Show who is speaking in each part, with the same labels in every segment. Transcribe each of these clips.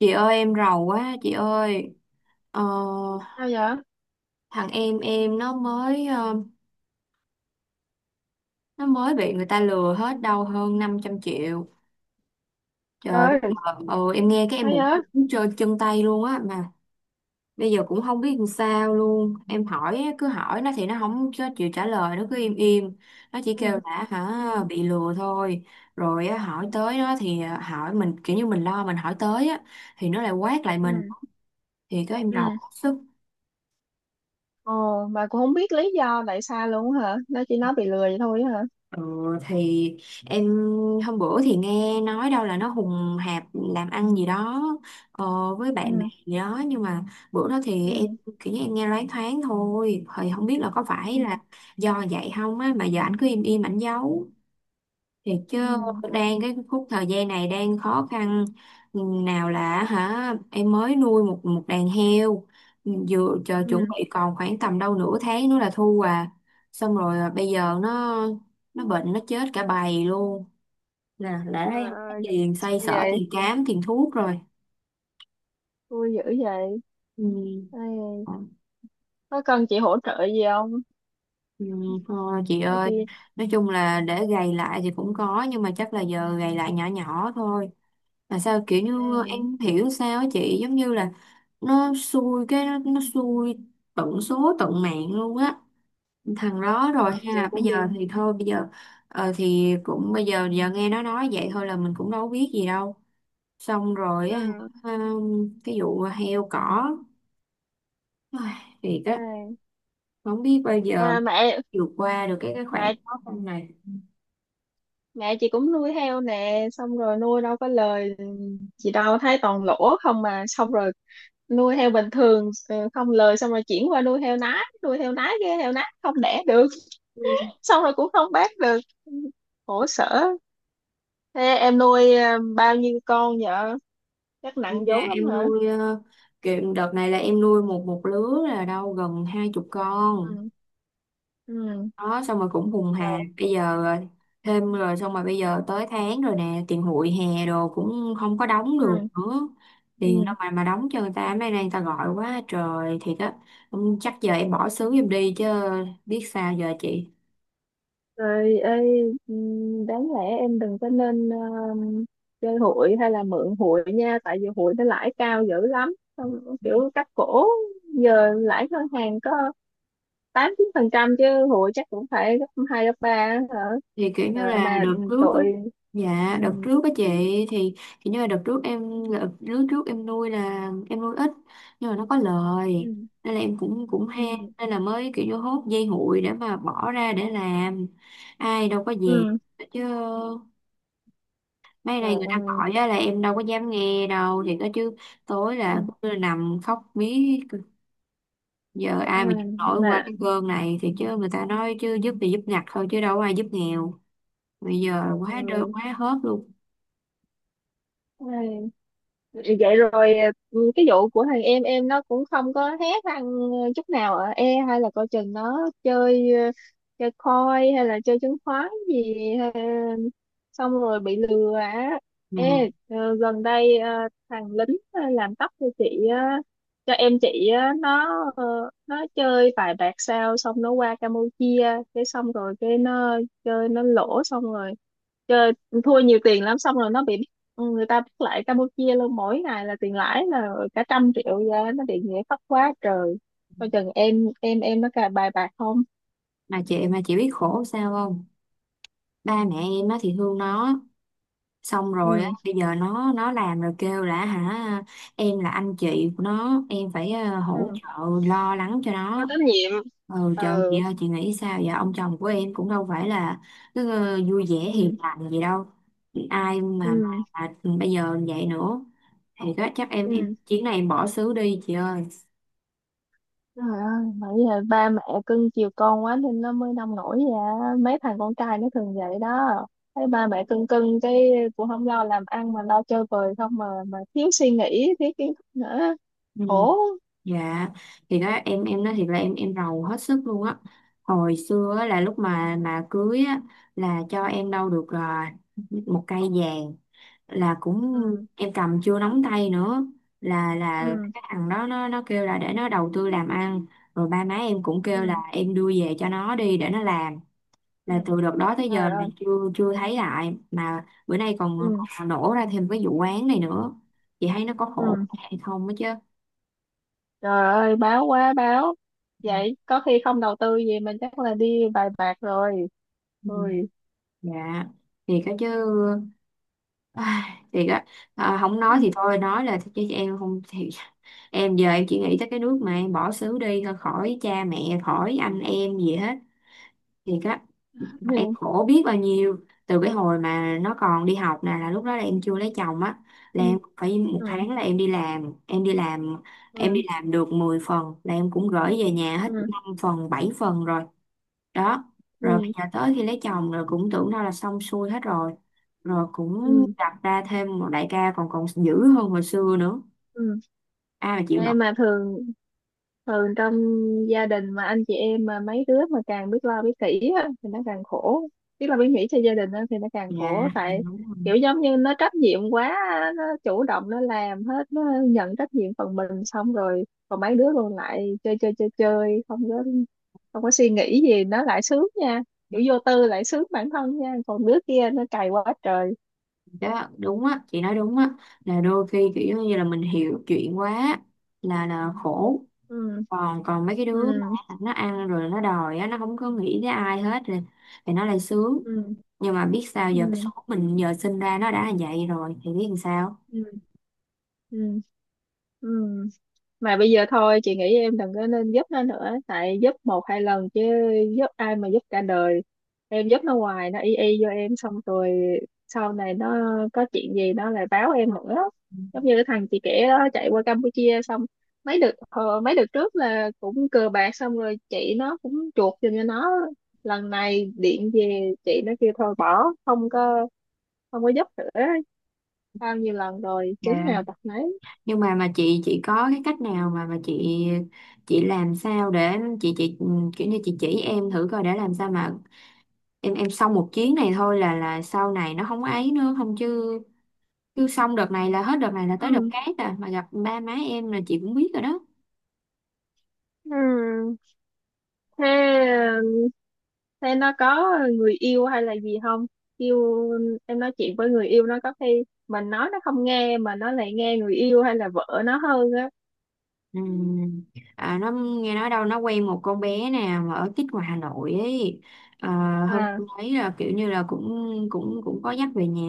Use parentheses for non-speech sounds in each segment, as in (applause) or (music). Speaker 1: Chị ơi em rầu quá chị ơi, ờ,
Speaker 2: Sao vậy?
Speaker 1: thằng em nó mới, nó mới bị người ta lừa
Speaker 2: Ừ.
Speaker 1: hết đâu hơn 500 triệu. Trời.
Speaker 2: Rồi.
Speaker 1: Em nghe cái em
Speaker 2: Sao
Speaker 1: bụng
Speaker 2: vậy?
Speaker 1: trơn chân tay luôn á, mà bây giờ cũng không biết làm sao luôn. Em hỏi á, cứ hỏi nó thì nó không có chịu trả lời, nó cứ im im. Nó chỉ
Speaker 2: Ừ.
Speaker 1: kêu là
Speaker 2: Ừ.
Speaker 1: hả bị lừa thôi. Rồi á, hỏi tới nó thì, hỏi mình kiểu như mình lo mình hỏi tới á thì nó lại quát lại
Speaker 2: Ừ.
Speaker 1: mình, thì có em rầu
Speaker 2: Ừ.
Speaker 1: bức xúc.
Speaker 2: Ồ. Bà cũng không biết lý do tại sao luôn hả? Nó chỉ nói bị lừa vậy thôi hả?
Speaker 1: Ờ, thì em hôm bữa thì nghe nói đâu là nó hùng hạp làm ăn gì đó, ờ, với bạn bè
Speaker 2: Ừ.
Speaker 1: gì đó, nhưng mà bữa đó thì em
Speaker 2: Ừ.
Speaker 1: kiểu như em nghe loáng thoáng thôi, thì không biết là có
Speaker 2: Ừ.
Speaker 1: phải là do vậy không á, mà giờ ảnh cứ im im ảnh giấu. Thiệt chứ.
Speaker 2: Ừ.
Speaker 1: Đang cái khúc thời gian này đang khó khăn. Ừ, nào là hả em mới nuôi một một đàn heo, ừ, vừa chờ chuẩn
Speaker 2: Ừ.
Speaker 1: bị còn khoảng tầm đâu nửa tháng nữa là thu à, xong rồi à, bây giờ nó bệnh nó chết cả bầy luôn nè, đã thấy
Speaker 2: Trời
Speaker 1: không có
Speaker 2: ơi.
Speaker 1: tiền xoay
Speaker 2: Như
Speaker 1: sở
Speaker 2: vậy.
Speaker 1: tiền cám tiền thuốc rồi.
Speaker 2: Vui dữ vậy.
Speaker 1: Ừ.
Speaker 2: Ê,
Speaker 1: Ờ.
Speaker 2: có cần chị hỗ trợ gì không?
Speaker 1: Ừ. Thôi chị
Speaker 2: Ê,
Speaker 1: ơi,
Speaker 2: chị.
Speaker 1: nói chung là để gầy lại thì cũng có nhưng mà chắc là giờ gầy lại nhỏ nhỏ thôi. Mà sao kiểu như em
Speaker 2: Ừ.
Speaker 1: không hiểu sao á chị, giống như là nó xui cái nó xui tận số tận mạng luôn á thằng đó, rồi
Speaker 2: ờ,
Speaker 1: hay
Speaker 2: chị
Speaker 1: là bây
Speaker 2: cũng
Speaker 1: giờ
Speaker 2: bị.
Speaker 1: thì thôi bây giờ, thì cũng bây giờ giờ nghe nó nói vậy thôi là mình cũng đâu biết gì đâu, xong rồi á,
Speaker 2: Ừ.
Speaker 1: cái vụ heo cỏ. Ai, thiệt á.
Speaker 2: Ê.
Speaker 1: Không biết bao giờ
Speaker 2: à, mẹ
Speaker 1: vượt qua được cái khoảng
Speaker 2: mẹ
Speaker 1: khó khăn này.
Speaker 2: mẹ chị cũng nuôi heo nè, xong rồi nuôi đâu có lời. Chị đâu thấy toàn lỗ không, mà xong rồi nuôi heo bình thường không lời, xong rồi chuyển qua nuôi heo nái, nuôi heo nái cái heo nái không đẻ được,
Speaker 1: Ừ.
Speaker 2: xong rồi cũng không bán được. Khổ sở. Thế em nuôi bao nhiêu con vợ? Chắc
Speaker 1: Nhưng
Speaker 2: nặng
Speaker 1: mà
Speaker 2: vốn lắm
Speaker 1: em
Speaker 2: hả?
Speaker 1: nuôi, kiểu đợt này là em nuôi một một lứa là đâu gần hai chục
Speaker 2: Ừ.
Speaker 1: con
Speaker 2: Ừ.
Speaker 1: đó, xong rồi cũng vùng
Speaker 2: Ờ.
Speaker 1: hà bây giờ, thêm rồi xong rồi bây giờ tới tháng rồi nè, tiền hụi hè đồ cũng không có đóng được
Speaker 2: Ừ.
Speaker 1: nữa. Tiền đâu
Speaker 2: Ừ.
Speaker 1: mà đóng cho người ta, mấy nay người ta gọi quá trời, thiệt á. Chắc giờ em bỏ xứ giùm đi chứ biết sao giờ chị.
Speaker 2: Rồi ơi. Ừ, đáng lẽ em đừng có nên chơi hụi hay là mượn hụi nha, tại vì hụi nó lãi cao dữ lắm. Xong kiểu cắt cổ. Giờ lãi ngân hàng có tám chín phần trăm, chứ hụi chắc cũng phải gấp hai gấp ba á hả?
Speaker 1: Thì kiểu như
Speaker 2: Rồi
Speaker 1: là
Speaker 2: mà,
Speaker 1: đợt
Speaker 2: ừ,
Speaker 1: trước á,
Speaker 2: tội. Ừ.
Speaker 1: dạ đợt trước á chị, thì kiểu như là đợt trước em, đợt trước trước em nuôi là em nuôi ít nhưng mà nó có lời,
Speaker 2: Ừ.
Speaker 1: nên là em cũng cũng ham
Speaker 2: Ừ.
Speaker 1: nên là mới kiểu như hốt dây hụi để mà bỏ ra để làm, ai đâu có dẹp
Speaker 2: Ừ.
Speaker 1: chứ. Mấy này
Speaker 2: Trời
Speaker 1: người ta
Speaker 2: ơi.
Speaker 1: gọi á là em đâu có dám nghe đâu, thì có chứ, tối là
Speaker 2: Ừ.
Speaker 1: cứ nằm khóc mí. Giờ
Speaker 2: À.
Speaker 1: ai mà chịu nổi qua
Speaker 2: Mà
Speaker 1: cái cơn này thì chứ, người ta nói chứ giúp thì giúp ngặt thôi chứ đâu có ai giúp nghèo, bây giờ quá đơ
Speaker 2: ừ.
Speaker 1: quá hớt luôn.
Speaker 2: Ai. Vậy rồi. Ừ, cái vụ của thằng em nó cũng không có hé răng chút nào. Ở e hay là coi chừng nó chơi ờ, chơi coin hay là chơi chứng khoán gì, ờ, xong rồi bị lừa á.
Speaker 1: Mà
Speaker 2: Ê, gần đây thằng lính làm tóc cho chị á, cho em chị á, ờ, nó chơi vài bạc sao, xong nó qua Campuchia, cái xong rồi cái nó chơi nó lỗ, xong rồi chơi thua nhiều tiền lắm, xong rồi nó bị người ta bắt lại Campuchia luôn. Mỗi ngày là tiền lãi là cả trăm triệu ra, nó bị nghĩa phát quá trời. Coi chừng em nó cà bài bạc không?
Speaker 1: mà chị mà Chị biết khổ sao không, ba mẹ em á thì thương nó, xong rồi á
Speaker 2: Ừ.
Speaker 1: bây giờ nó làm rồi kêu là hả em là anh chị của nó em phải, hỗ
Speaker 2: Ừ.
Speaker 1: trợ lo lắng cho
Speaker 2: Có
Speaker 1: nó.
Speaker 2: trách nhiệm.
Speaker 1: Ừ trời
Speaker 2: Ừ.
Speaker 1: ơi chị nghĩ sao vậy, ông chồng của em cũng đâu phải là cứ, vui vẻ hiền
Speaker 2: Ừ.
Speaker 1: lành gì đâu, ai mà,
Speaker 2: Ừ.
Speaker 1: bây giờ vậy nữa thì chắc em
Speaker 2: Ừ.
Speaker 1: chuyến này em bỏ xứ đi chị ơi.
Speaker 2: Trời ơi, bởi vì ba mẹ cưng chiều con quá nên nó mới nông nổi vậy á. Mấy thằng con trai nó thường vậy đó, thấy ba mẹ cưng cưng cái cũng không lo làm ăn mà lo chơi bời không, mà mà thiếu suy nghĩ, thiếu kiến thức nữa.
Speaker 1: Ừ.
Speaker 2: Khổ.
Speaker 1: Dạ thì đó em nói thiệt là em rầu hết sức luôn á. Hồi xưa á, là lúc mà cưới á là cho em đâu được, 1 cây vàng là cũng
Speaker 2: Ừ.
Speaker 1: em cầm chưa nóng tay nữa, là
Speaker 2: Ừ.
Speaker 1: cái thằng đó nó kêu là để nó đầu tư làm ăn, rồi ba má em cũng kêu
Speaker 2: Ừ.
Speaker 1: là em đưa về cho nó đi để nó làm,
Speaker 2: Ừ.
Speaker 1: là từ đợt đó tới giờ
Speaker 2: Trời
Speaker 1: là
Speaker 2: ơi.
Speaker 1: chưa chưa thấy lại mà bữa nay còn,
Speaker 2: Ừ.
Speaker 1: còn nổ ra thêm cái vụ án này nữa, chị thấy nó có khổ
Speaker 2: Ừ.
Speaker 1: hay không á chứ.
Speaker 2: Trời ơi, báo quá báo. Vậy có khi không đầu tư gì, mình chắc là đi bài bạc rồi.
Speaker 1: Ừ.
Speaker 2: Ui.
Speaker 1: Dạ thiệt á chứ. Ai, thiệt á. À, không nói
Speaker 2: Ừ.
Speaker 1: thì thôi nói là chứ em không thì em giờ em chỉ nghĩ tới cái nước mà em bỏ xứ đi thôi, khỏi cha mẹ khỏi anh em gì hết, thiệt á. Em
Speaker 2: Ừ.
Speaker 1: khổ biết bao nhiêu. Từ cái hồi mà nó còn đi học nè là lúc đó là em chưa lấy chồng á, là
Speaker 2: Ừ.
Speaker 1: em phải một
Speaker 2: Ừ.
Speaker 1: tháng là em đi làm em đi làm em đi
Speaker 2: Ừ.
Speaker 1: làm được 10 phần là em cũng gửi về nhà hết
Speaker 2: Ừ.
Speaker 1: 5 phần 7 phần rồi đó. Rồi bây
Speaker 2: Ừ.
Speaker 1: giờ tới khi lấy chồng rồi cũng tưởng đâu là xong xuôi hết rồi, rồi cũng
Speaker 2: Ừ.
Speaker 1: đặt ra thêm một đại ca còn còn dữ hơn hồi xưa nữa,
Speaker 2: Ừ.
Speaker 1: ai mà chịu nổi.
Speaker 2: Em mà thường thường trong gia đình, mà anh chị em mà mấy đứa mà càng biết lo biết kỹ á, thì nó càng khổ. Biết lo biết nghĩ cho gia đình á, thì nó càng
Speaker 1: Dạ.
Speaker 2: khổ.
Speaker 1: Dạ,
Speaker 2: Tại
Speaker 1: đúng rồi.
Speaker 2: kiểu giống như nó trách nhiệm quá á, nó chủ động nó làm hết, nó nhận trách nhiệm phần mình, xong rồi còn mấy đứa còn lại chơi chơi chơi chơi, không có không có suy nghĩ gì, nó lại sướng nha. Kiểu vô tư lại sướng bản thân nha, còn đứa kia nó cày quá trời.
Speaker 1: Đó đúng á, chị nói đúng á, là đôi khi kiểu giống như là mình hiểu chuyện quá là khổ.
Speaker 2: Ừ.
Speaker 1: Còn còn mấy cái
Speaker 2: Ừ.
Speaker 1: đứa mà nó ăn rồi nó đòi á, nó không có nghĩ tới ai hết rồi thì nó lại sướng.
Speaker 2: Ừ.
Speaker 1: Nhưng mà biết sao
Speaker 2: Ừ.
Speaker 1: giờ, cái số mình giờ sinh ra nó đã là vậy rồi thì biết làm sao.
Speaker 2: Ừ. Ừ. Ừ. Mà bây giờ thôi, chị nghĩ em đừng có nên giúp nó nữa, tại giúp một hai lần chứ giúp ai mà giúp cả đời. Em giúp nó hoài nó y y vô em, xong rồi sau này nó có chuyện gì nó lại báo em nữa. Giống như cái thằng chị kể đó, chạy qua Campuchia xong. Mấy đợt mấy đợt trước là cũng cờ bạc, xong rồi chị nó cũng chuộc giùm cho nó. Lần này điện về, chị nó kêu thôi bỏ, không có không có giúp nữa. Bao nhiêu lần rồi, chứng
Speaker 1: Dạ,
Speaker 2: nào tật nấy.
Speaker 1: nhưng mà chị có cái cách nào mà chị làm sao để chị kiểu như chị chỉ em thử coi để làm sao mà em xong một chuyến này thôi là sau này nó không ấy nữa không chứ, cứ xong đợt này là hết đợt này là tới đợt
Speaker 2: Ừ.
Speaker 1: khác à, mà gặp ba má em là chị cũng biết rồi đó.
Speaker 2: Ừ. Thế, thế nó có người yêu hay là gì không? Yêu, em nói chuyện với người yêu nó. Có khi mình nói nó không nghe, mà nó lại nghe người yêu hay là vợ nó hơn á.
Speaker 1: Ừ. À, nó nghe nói đâu nó quen một con bé nè mà ở tít ngoài Hà Nội ấy, à, hôm
Speaker 2: À.
Speaker 1: tôi thấy là kiểu như là cũng cũng cũng có dắt về nhà,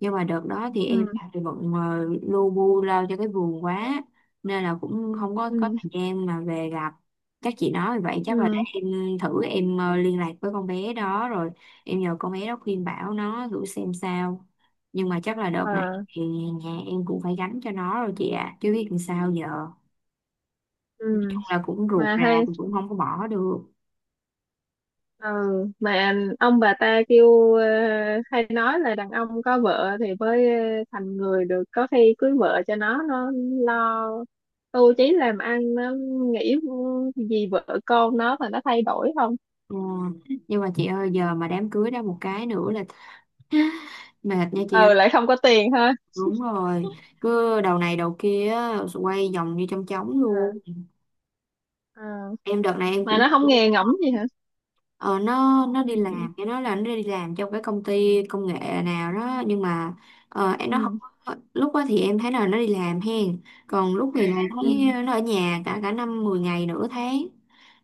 Speaker 1: nhưng mà đợt đó thì
Speaker 2: Ừ.
Speaker 1: em thì bận, lu bu lao cho cái vườn quá nên là cũng không có có
Speaker 2: Ừ.
Speaker 1: thời gian mà về gặp. Các chị nói vậy chắc là để
Speaker 2: Ừ.
Speaker 1: em thử em, liên lạc với con bé đó rồi em nhờ con bé đó khuyên bảo nó thử xem sao, nhưng mà chắc là đợt này
Speaker 2: Ờ.
Speaker 1: thì nhà em cũng phải gánh cho nó rồi chị ạ, à chứ biết làm sao giờ.
Speaker 2: Ừ.
Speaker 1: Nói chung là cũng ruột
Speaker 2: Mà
Speaker 1: rà
Speaker 2: hay,
Speaker 1: cũng cũng không có bỏ được.
Speaker 2: ừ, mà ông bà ta kêu hay nói là đàn ông có vợ thì mới thành người được. Có khi cưới vợ cho nó lo tu chí làm ăn, nó nghĩ gì vợ con nó mà nó thay đổi không?
Speaker 1: Ờ, nhưng mà chị ơi giờ mà đám cưới đó một cái nữa là (laughs) mệt nha chị ơi.
Speaker 2: Ừ, lại không có tiền ha.
Speaker 1: Đúng rồi, cứ đầu này đầu kia á, quay vòng như trong trống
Speaker 2: À.
Speaker 1: luôn.
Speaker 2: À,
Speaker 1: Em đợt này em
Speaker 2: mà
Speaker 1: cũng,
Speaker 2: nó không nghe ngẫm gì hả?
Speaker 1: ờ, nó đi
Speaker 2: Ừ.
Speaker 1: làm cái nó là nó đi làm trong cái công ty công nghệ nào đó, nhưng mà em nó không
Speaker 2: Ừ.
Speaker 1: lúc đó thì em thấy là nó đi làm hen, còn lúc thì còn thấy
Speaker 2: Ừ.
Speaker 1: nó ở nhà cả cả năm 10 ngày nửa tháng.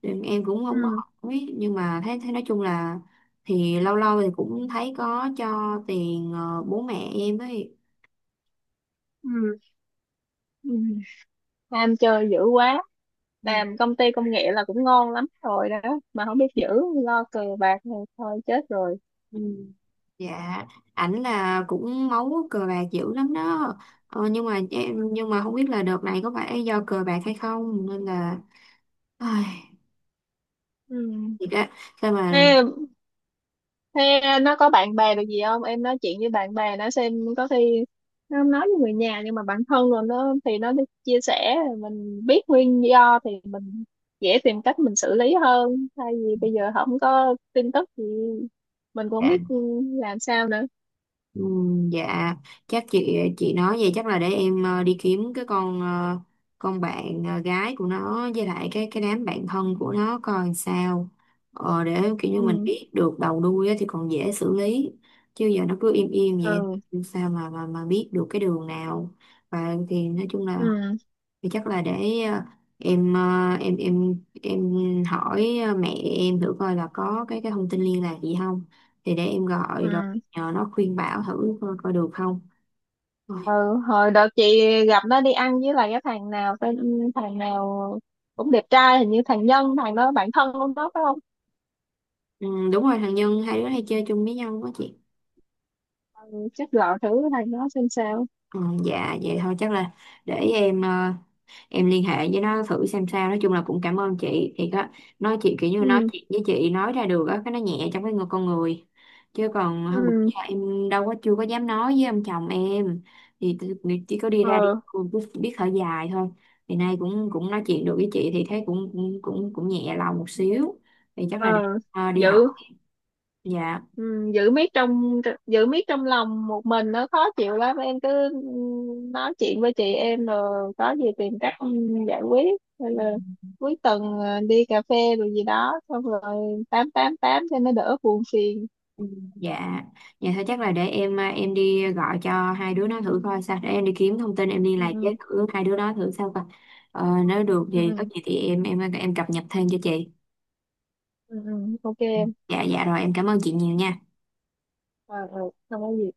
Speaker 1: Em cũng không có
Speaker 2: Ừ.
Speaker 1: hỏi nhưng mà thấy thấy nói chung là thì lâu lâu thì cũng thấy có cho tiền, bố mẹ em ấy.
Speaker 2: Ừ. Ừ. Nam chơi dữ quá.
Speaker 1: Ừ.
Speaker 2: Làm công ty công nghệ là cũng ngon lắm rồi đó, mà không biết giữ, lo cờ bạc này thôi chết rồi.
Speaker 1: Ừ, dạ. Ảnh là cũng máu cờ bạc dữ lắm đó, nhưng mà em nhưng mà không biết là đợt này có phải do cờ bạc hay không nên là, ai, thiệt á, sao mà.
Speaker 2: Ừ. Thế nó có bạn bè được gì không? Em nói chuyện với bạn bè nó xem, có khi nó không nói với người nhà, nhưng mà bản thân rồi nó thì nó đi chia sẻ, mình biết nguyên do thì mình dễ tìm cách mình xử lý hơn. Thay vì bây giờ không có tin tức thì mình cũng không
Speaker 1: Dạ,
Speaker 2: biết làm sao nữa.
Speaker 1: ừ, dạ. Chắc chị nói vậy chắc là để em, đi kiếm cái con, con bạn, gái của nó với lại cái đám bạn thân của nó coi sao, để kiểu như mình
Speaker 2: Ừ.
Speaker 1: biết được đầu đuôi á thì còn dễ xử lý, chứ giờ nó cứ im im vậy
Speaker 2: Ừ.
Speaker 1: sao mà biết được cái đường nào. Và thì nói chung là
Speaker 2: Ừ.
Speaker 1: thì chắc là để, em, em hỏi, mẹ em thử coi là có cái thông tin liên lạc gì không, thì để em gọi rồi
Speaker 2: Ừ.
Speaker 1: nhờ nó khuyên bảo thử coi, coi được không. Rồi,
Speaker 2: Ừ. Hồi đợt chị gặp nó đi ăn với lại cái thằng nào tên thằng nào cũng đẹp trai, hình như thằng Nhân, thằng đó bạn thân của nó phải không?
Speaker 1: ừ, đúng rồi thằng Nhân, hai đứa hay chơi chung với nhau quá chị.
Speaker 2: Ừ, chắc gọi thử thằng đó xem sao.
Speaker 1: Ừ, dạ vậy thôi chắc là để em, em liên hệ với nó thử xem sao. Nói chung là cũng cảm ơn chị, thì có nói chị kiểu như nói
Speaker 2: Ừ.
Speaker 1: chuyện với chị nói ra được á cái nó nhẹ trong cái người con người, chứ còn hôm bữa
Speaker 2: Ừ.
Speaker 1: giờ em đâu có chưa có dám nói với ông chồng em thì nghĩ chỉ có đi ra đi
Speaker 2: Ờ.
Speaker 1: cô cứ biết thở dài thôi. Thì nay cũng cũng nói chuyện được với chị thì thấy cũng nhẹ lòng một xíu, thì chắc là đi,
Speaker 2: Ờ.
Speaker 1: đi học.
Speaker 2: Giữ.
Speaker 1: Dạ.
Speaker 2: Ừ, giữ miết trong, giữ miết trong lòng một mình nó khó chịu lắm. Em cứ nói chuyện với chị em rồi có gì tìm cách giải quyết, hay là cuối tuần đi cà phê rồi gì đó, xong rồi tám tám tám cho nó đỡ buồn phiền.
Speaker 1: Ừ. Dạ, dạ thôi chắc là để em à, em đi gọi cho hai đứa nó thử coi sao, để em đi kiếm thông tin em liên lạc với
Speaker 2: Ừ.
Speaker 1: thử hai đứa nó thử sao coi. Ờ, nếu được
Speaker 2: Ừ.
Speaker 1: thì có
Speaker 2: Ừ.
Speaker 1: gì thì em cập nhật thêm cho chị.
Speaker 2: Ừ. Ừ, ừ, ok
Speaker 1: Ừ.
Speaker 2: em.
Speaker 1: Dạ dạ rồi em cảm ơn chị nhiều nha.
Speaker 2: Ờ. Ờ. Không có gì.